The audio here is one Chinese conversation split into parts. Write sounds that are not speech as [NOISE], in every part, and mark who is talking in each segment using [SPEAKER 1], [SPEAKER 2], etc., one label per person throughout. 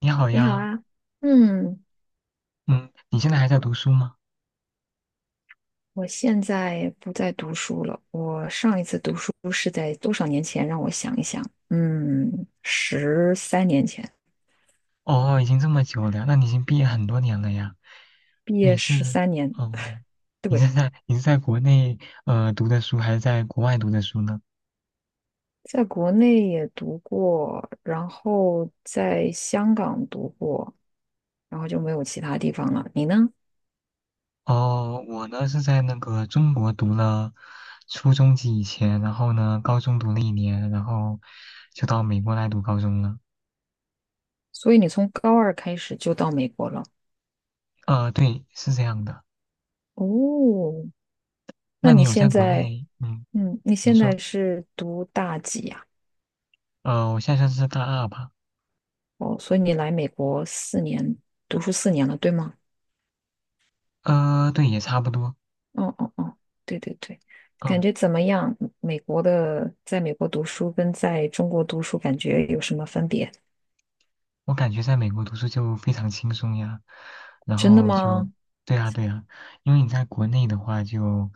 [SPEAKER 1] 你好
[SPEAKER 2] 你好
[SPEAKER 1] 呀，
[SPEAKER 2] 啊，嗯，
[SPEAKER 1] 嗯，你现在还在读书吗？
[SPEAKER 2] 我现在不再读书了。我上一次读书是在多少年前？让我想一想，嗯，十三年前，
[SPEAKER 1] 哦，已经这么久了，那你已经毕业很多年了呀。
[SPEAKER 2] 毕业
[SPEAKER 1] 你
[SPEAKER 2] 十
[SPEAKER 1] 是，
[SPEAKER 2] 三年，
[SPEAKER 1] 嗯，你
[SPEAKER 2] 对，
[SPEAKER 1] 是在你是在国内读的书，还是在国外读的书呢？
[SPEAKER 2] 在国内也读过，然后在香港读过，然后就没有其他地方了。你呢？
[SPEAKER 1] 哦，我呢是在那个中国读了初中及以前，然后呢高中读了一年，然后就到美国来读高中了。
[SPEAKER 2] 所以你从高二开始就到美国了。
[SPEAKER 1] 对，是这样的。
[SPEAKER 2] 哦，
[SPEAKER 1] 那
[SPEAKER 2] 那
[SPEAKER 1] 你
[SPEAKER 2] 你
[SPEAKER 1] 有在
[SPEAKER 2] 现
[SPEAKER 1] 国
[SPEAKER 2] 在，
[SPEAKER 1] 内，
[SPEAKER 2] 嗯，你
[SPEAKER 1] 你
[SPEAKER 2] 现
[SPEAKER 1] 说，
[SPEAKER 2] 在是读大几呀？
[SPEAKER 1] 我现在算是大二吧？
[SPEAKER 2] 哦，所以你来美国四年，读书四年了，对吗？
[SPEAKER 1] 对，也差不多。
[SPEAKER 2] 哦哦哦，对对对，感
[SPEAKER 1] 嗯。
[SPEAKER 2] 觉怎么样？美国的，在美国读书跟在中国读书感觉有什么分别？
[SPEAKER 1] 我感觉在美国读书就非常轻松呀，然
[SPEAKER 2] 真的
[SPEAKER 1] 后就，
[SPEAKER 2] 吗？
[SPEAKER 1] 对呀，对呀，因为你在国内的话就，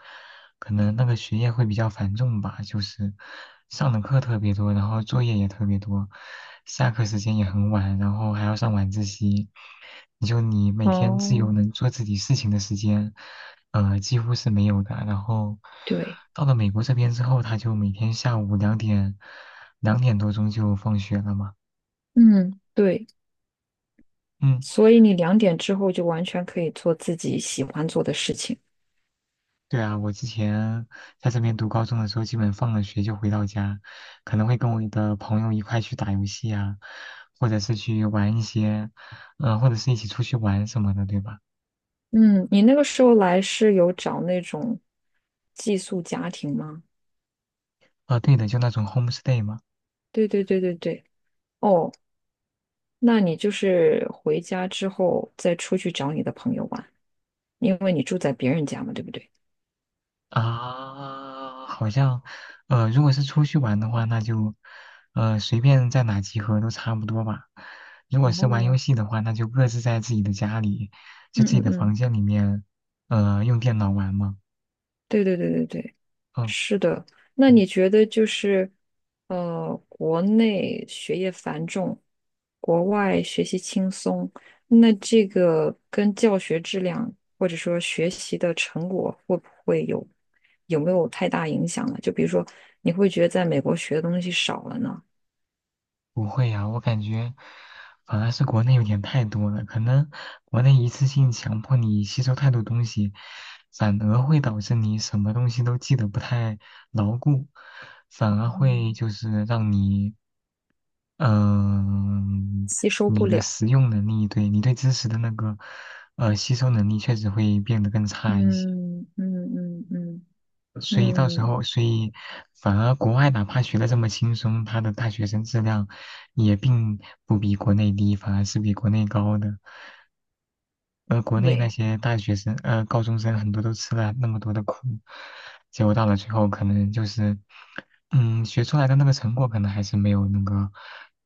[SPEAKER 1] 可能那个学业会比较繁重吧，就是上的课特别多，然后作业也特别多，下课时间也很晚，然后还要上晚自习，你每天自
[SPEAKER 2] 哦，
[SPEAKER 1] 由能做自己事情的时间，几乎是没有的。然后
[SPEAKER 2] 对，
[SPEAKER 1] 到了美国这边之后，他就每天下午两点，2点多钟就放学了嘛。
[SPEAKER 2] 嗯，对，
[SPEAKER 1] 嗯，
[SPEAKER 2] 所以你2点之后就完全可以做自己喜欢做的事情。
[SPEAKER 1] 对啊，我之前在这边读高中的时候，基本放了学就回到家，可能会跟我的朋友一块去打游戏啊，或者是去玩一些，或者是一起出去玩什么的，对吧？
[SPEAKER 2] 嗯，你那个时候来是有找那种寄宿家庭吗？
[SPEAKER 1] 啊，对的，就那种 homestay 嘛。
[SPEAKER 2] 对对对对对。哦，那你就是回家之后再出去找你的朋友玩，因为你住在别人家嘛，对不对？
[SPEAKER 1] 啊，好像，如果是出去玩的话，那就，随便在哪集合都差不多吧。如果是玩游
[SPEAKER 2] 哦，
[SPEAKER 1] 戏的话，那就各自在自己的家里，就
[SPEAKER 2] 嗯
[SPEAKER 1] 自己
[SPEAKER 2] 嗯
[SPEAKER 1] 的
[SPEAKER 2] 嗯，
[SPEAKER 1] 房间里面，用电脑玩嘛。
[SPEAKER 2] 对对对对对，
[SPEAKER 1] 嗯。
[SPEAKER 2] 是的。那
[SPEAKER 1] 对，
[SPEAKER 2] 你觉得就是，国内学业繁重，国外学习轻松，那这个跟教学质量或者说学习的成果会不会有没有太大影响呢？就比如说，你会觉得在美国学的东西少了呢，
[SPEAKER 1] 不会呀，我感觉反而是国内有点太多了，可能国内一次性强迫你吸收太多东西，反而会导致你什么东西都记得不太牢固，反而会就是让你，嗯、
[SPEAKER 2] 吸收不
[SPEAKER 1] 你的
[SPEAKER 2] 了。
[SPEAKER 1] 实用能力，对你对知识的那个，吸收能力确实会变得更差一些。
[SPEAKER 2] 嗯嗯嗯嗯
[SPEAKER 1] 所以到时
[SPEAKER 2] 嗯，
[SPEAKER 1] 候，所以反而国外哪怕学的这么轻松，他的大学生质量也并不比国内低，反而是比国内高的。而国内那
[SPEAKER 2] 对，
[SPEAKER 1] 些大学生，高中生很多都吃了那么多的苦，结果到了最后，可能就是，学出来的那个成果可能还是没有那个，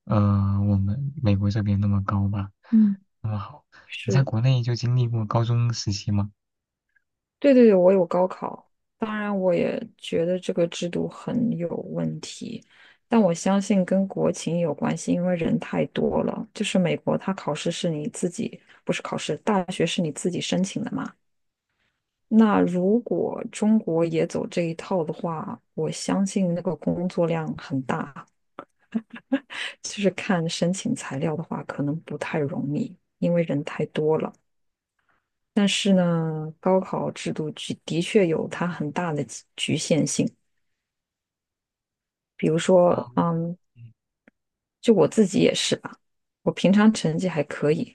[SPEAKER 1] 呃，我们美国这边那么高吧，
[SPEAKER 2] 嗯，
[SPEAKER 1] 那么好。你在
[SPEAKER 2] 是，
[SPEAKER 1] 国内就经历过高中时期吗？
[SPEAKER 2] 对对对，我有高考，当然我也觉得这个制度很有问题，但我相信跟国情有关系，因为人太多了。就是美国，它考试是你自己，不是考试，大学是你自己申请的嘛。那如果中国也走这一套的话，我相信那个工作量很大，其实看申请材料的话，可能不太容易，因为人太多了。但是呢，高考制度的确有它很大的局限性。比如
[SPEAKER 1] 啊，
[SPEAKER 2] 说，嗯，
[SPEAKER 1] 嗯
[SPEAKER 2] 就我自己也是吧，我平常成绩还可以，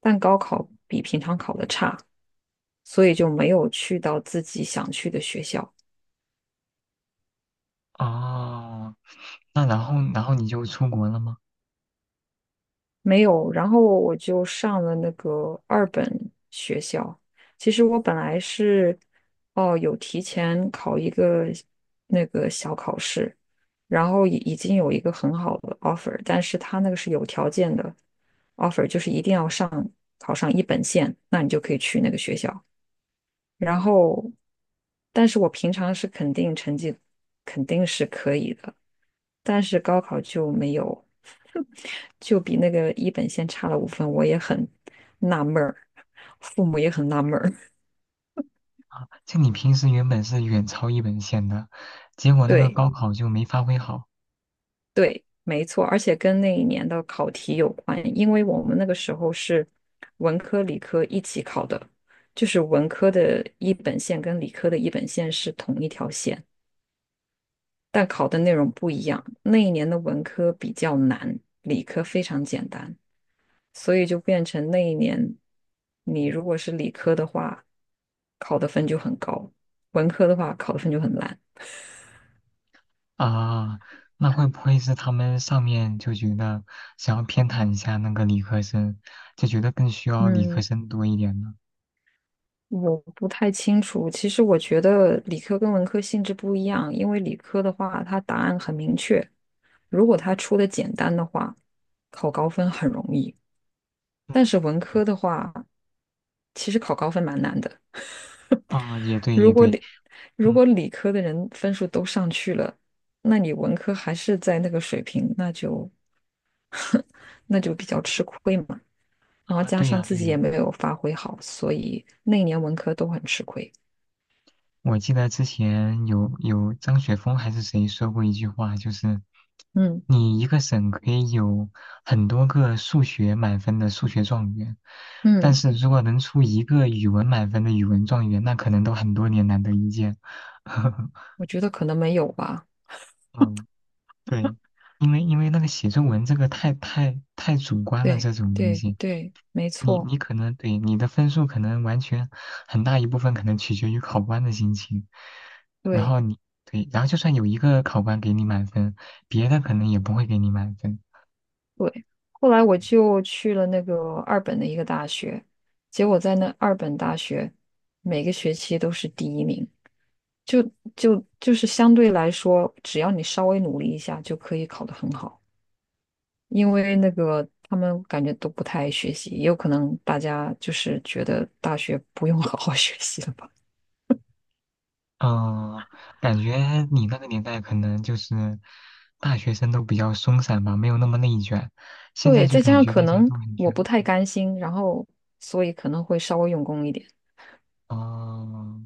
[SPEAKER 2] 但高考比平常考的差，所以就没有去到自己想去的学校。
[SPEAKER 1] 哦，那然后你就出国了吗？
[SPEAKER 2] 没有，然后我就上了那个二本学校。其实我本来是，哦，有提前考一个那个小考试，然后已经有一个很好的 offer，但是他那个是有条件的 offer，就是一定要上考上一本线，那你就可以去那个学校。然后，但是我平常是肯定成绩肯定是可以的，但是高考就没有，[LAUGHS] 就比那个一本线差了5分，我也很纳闷儿，父母也很纳闷儿。[LAUGHS]
[SPEAKER 1] 啊，就你平时原本是远超一本线的，结果那个
[SPEAKER 2] 对
[SPEAKER 1] 高考就没发挥好
[SPEAKER 2] 对，没错，而且跟那一年的考题有关，因为我们那个时候是文科理科一起考的，就是文科的一本线跟理科的一本线是同一条线。但考的内容不一样。那一年的文科比较难，理科非常简单，所以就变成那一年你如果是理科的话，考的分就很高；文科的话，考的分就很烂。
[SPEAKER 1] 啊。那会不会是他们上面就觉得想要偏袒一下那个理科生，就觉得更需要理科
[SPEAKER 2] 嗯，
[SPEAKER 1] 生多一点呢？
[SPEAKER 2] 我不太清楚。其实我觉得理科跟文科性质不一样，因为理科的话，它答案很明确，如果它出的简单的话，考高分很容易。但是
[SPEAKER 1] 嗯，
[SPEAKER 2] 文科的话，其实考高分蛮难的。
[SPEAKER 1] 啊，也对，
[SPEAKER 2] 如
[SPEAKER 1] 也
[SPEAKER 2] 果
[SPEAKER 1] 对，
[SPEAKER 2] 理如
[SPEAKER 1] 嗯，
[SPEAKER 2] 果理科的人分数都上去了，那你文科还是在那个水平，那就 [LAUGHS] 那就比较吃亏嘛。然后
[SPEAKER 1] 啊，
[SPEAKER 2] 加
[SPEAKER 1] 对
[SPEAKER 2] 上
[SPEAKER 1] 呀，
[SPEAKER 2] 自
[SPEAKER 1] 对
[SPEAKER 2] 己也
[SPEAKER 1] 呀，
[SPEAKER 2] 没有发挥好，所以那一年文科都很吃亏。
[SPEAKER 1] 我记得之前有张雪峰还是谁说过一句话，就是
[SPEAKER 2] 嗯
[SPEAKER 1] 你一个省可以有很多个数学满分的数学状元，但
[SPEAKER 2] 嗯，
[SPEAKER 1] 是如果能出一个语文满分的语文状元，那可能都很多年难得一见。[LAUGHS]
[SPEAKER 2] 我觉得可能没有吧。
[SPEAKER 1] 嗯，对，因为那个写作文这个太太太主观了，
[SPEAKER 2] 对
[SPEAKER 1] 这种东
[SPEAKER 2] 对
[SPEAKER 1] 西，
[SPEAKER 2] 对，没
[SPEAKER 1] 你
[SPEAKER 2] 错，
[SPEAKER 1] 你可能对你的分数可能完全很大一部分可能取决于考官的心情，然
[SPEAKER 2] 对。
[SPEAKER 1] 后你对，然后就算有一个考官给你满分，别的可能也不会给你满分。
[SPEAKER 2] 对，后来我就去了那个二本的一个大学，结果在那二本大学每个学期都是第一名，就就是相对来说，只要你稍微努力一下就可以考得很好，因为那个他们感觉都不太爱学习，也有可能大家就是觉得大学不用 [LAUGHS] 好好学习了吧。
[SPEAKER 1] 嗯，感觉你那个年代可能就是大学生都比较松散吧，没有那么内卷。现在
[SPEAKER 2] 对，
[SPEAKER 1] 就
[SPEAKER 2] 再加
[SPEAKER 1] 感
[SPEAKER 2] 上
[SPEAKER 1] 觉
[SPEAKER 2] 可
[SPEAKER 1] 大家
[SPEAKER 2] 能
[SPEAKER 1] 都很
[SPEAKER 2] 我不
[SPEAKER 1] 卷。
[SPEAKER 2] 太甘心，然后所以可能会稍微用功一点。
[SPEAKER 1] 哦，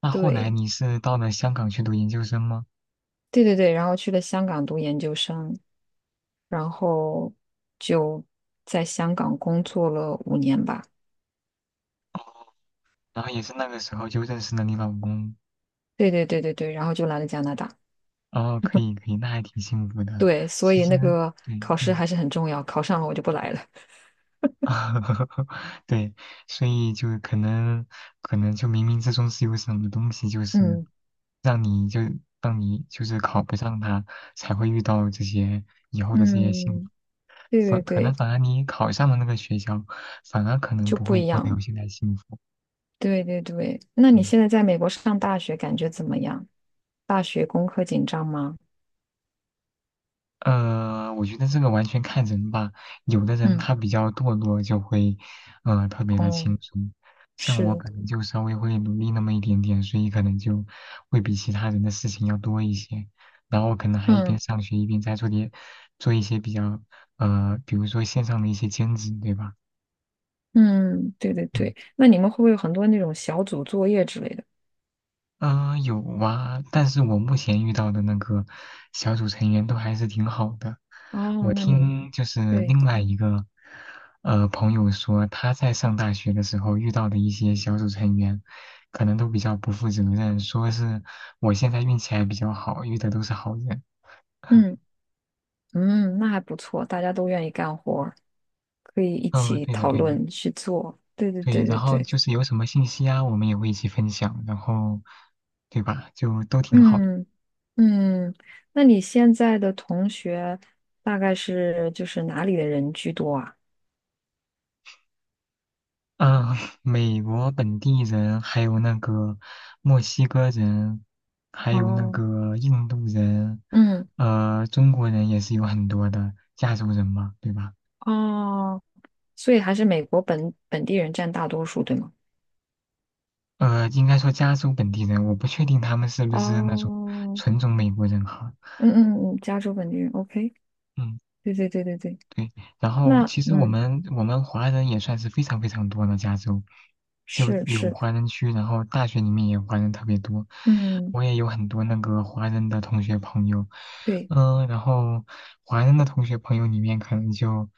[SPEAKER 1] 那后来
[SPEAKER 2] 对，
[SPEAKER 1] 你是到了香港去读研究生吗？
[SPEAKER 2] 对对对，然后去了香港读研究生，然后就在香港工作了5年吧。
[SPEAKER 1] 哦，然后也是那个时候就认识了你老公。
[SPEAKER 2] 对对对对对，然后就来了加拿大。
[SPEAKER 1] 哦，可以可以，那还挺幸福的。
[SPEAKER 2] 对，所
[SPEAKER 1] 其
[SPEAKER 2] 以
[SPEAKER 1] 实，
[SPEAKER 2] 那个
[SPEAKER 1] 对，
[SPEAKER 2] 考试
[SPEAKER 1] 嗯。
[SPEAKER 2] 还是很重要，考上了我就不来了。
[SPEAKER 1] [LAUGHS] 对，所以就可能就冥冥之中是有什么东西，就是
[SPEAKER 2] 嗯
[SPEAKER 1] 让你就让你就是考不上它，才会遇到这些以后的这些幸福。
[SPEAKER 2] 嗯，对对
[SPEAKER 1] 可能
[SPEAKER 2] 对，
[SPEAKER 1] 反而你考上了那个学校，反而可能
[SPEAKER 2] 就
[SPEAKER 1] 不
[SPEAKER 2] 不
[SPEAKER 1] 会
[SPEAKER 2] 一
[SPEAKER 1] 过得有
[SPEAKER 2] 样。
[SPEAKER 1] 现在幸福。
[SPEAKER 2] 对对对，那你
[SPEAKER 1] 嗯。
[SPEAKER 2] 现在在美国上大学感觉怎么样？大学功课紧张吗？
[SPEAKER 1] 我觉得这个完全看人吧。有的人
[SPEAKER 2] 嗯，
[SPEAKER 1] 他比较堕落，就会，特别的
[SPEAKER 2] 哦，
[SPEAKER 1] 轻松。像我
[SPEAKER 2] 是，
[SPEAKER 1] 可能就稍微会努力那么一点点，所以可能就会比其他人的事情要多一些。然后可能还一边
[SPEAKER 2] 嗯
[SPEAKER 1] 上学一边在做点，做一些比较，比如说线上的一些兼职，对吧？
[SPEAKER 2] 嗯，对对
[SPEAKER 1] 嗯。
[SPEAKER 2] 对，那你们会不会有很多那种小组作业之类的？
[SPEAKER 1] 嗯、有啊，但是我目前遇到的那个小组成员都还是挺好的。
[SPEAKER 2] 哦，
[SPEAKER 1] 我
[SPEAKER 2] 那你
[SPEAKER 1] 听就是
[SPEAKER 2] 对，
[SPEAKER 1] 另外一个朋友说，他在上大学的时候遇到的一些小组成员，可能都比较不负责任，说是我现在运气还比较好，遇的都是好人。[LAUGHS]
[SPEAKER 2] 嗯。嗯，那还不错，大家都愿意干活儿，可以一
[SPEAKER 1] 嗯，
[SPEAKER 2] 起
[SPEAKER 1] 对的，
[SPEAKER 2] 讨
[SPEAKER 1] 对的，
[SPEAKER 2] 论去做。对对
[SPEAKER 1] 对。
[SPEAKER 2] 对
[SPEAKER 1] 然
[SPEAKER 2] 对
[SPEAKER 1] 后
[SPEAKER 2] 对，
[SPEAKER 1] 就是有什么信息啊，我们也会一起分享，然后对吧，就都挺好的。
[SPEAKER 2] 嗯嗯，那你现在的同学大概是就是哪里的人居多啊？
[SPEAKER 1] 啊，美国本地人，还有那个墨西哥人，还有那
[SPEAKER 2] 哦，
[SPEAKER 1] 个印度人，
[SPEAKER 2] 嗯
[SPEAKER 1] 中国人也是有很多的，加州人嘛，对吧？
[SPEAKER 2] 哦，所以还是美国本地人占大多数，对吗？
[SPEAKER 1] 应该说加州本地人，我不确定他们是不是那种
[SPEAKER 2] 哦，
[SPEAKER 1] 纯种美国人哈。
[SPEAKER 2] 嗯嗯嗯，加州本地人，OK，
[SPEAKER 1] 嗯。
[SPEAKER 2] 对对对对对，
[SPEAKER 1] 对，然后
[SPEAKER 2] 那
[SPEAKER 1] 其实我
[SPEAKER 2] 嗯
[SPEAKER 1] 们我们华人也算是非常非常多的加州，就
[SPEAKER 2] 是
[SPEAKER 1] 有
[SPEAKER 2] 是，
[SPEAKER 1] 华人区，然后大学里面也华人特别多，
[SPEAKER 2] 嗯
[SPEAKER 1] 我也有很多那个华人的同学朋友，
[SPEAKER 2] 对，
[SPEAKER 1] 然后华人的同学朋友里面可能就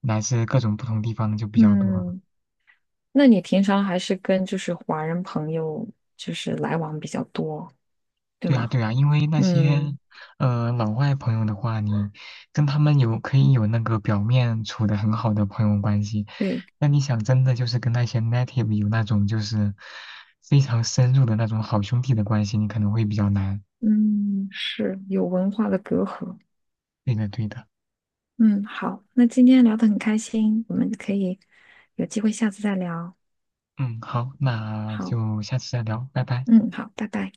[SPEAKER 1] 来自各种不同地方就比较多，
[SPEAKER 2] 嗯。那你平常还是跟就是华人朋友就是来往比较多，对
[SPEAKER 1] 对啊，
[SPEAKER 2] 吗？
[SPEAKER 1] 对啊，因为那些
[SPEAKER 2] 嗯，
[SPEAKER 1] 老外朋友的话，你跟他们可以有那个表面处的很好的朋友关系，
[SPEAKER 2] 对，
[SPEAKER 1] 那你想真的就是跟那些 native 有那种就是非常深入的那种好兄弟的关系，你可能会比较难。
[SPEAKER 2] 嗯，是有文化的隔阂。
[SPEAKER 1] 对的，对的。
[SPEAKER 2] 嗯，好，那今天聊得很开心，我们可以有机会下次再聊。
[SPEAKER 1] 嗯，好，那
[SPEAKER 2] 好，
[SPEAKER 1] 就下次再聊，拜拜。
[SPEAKER 2] 嗯，好，拜拜。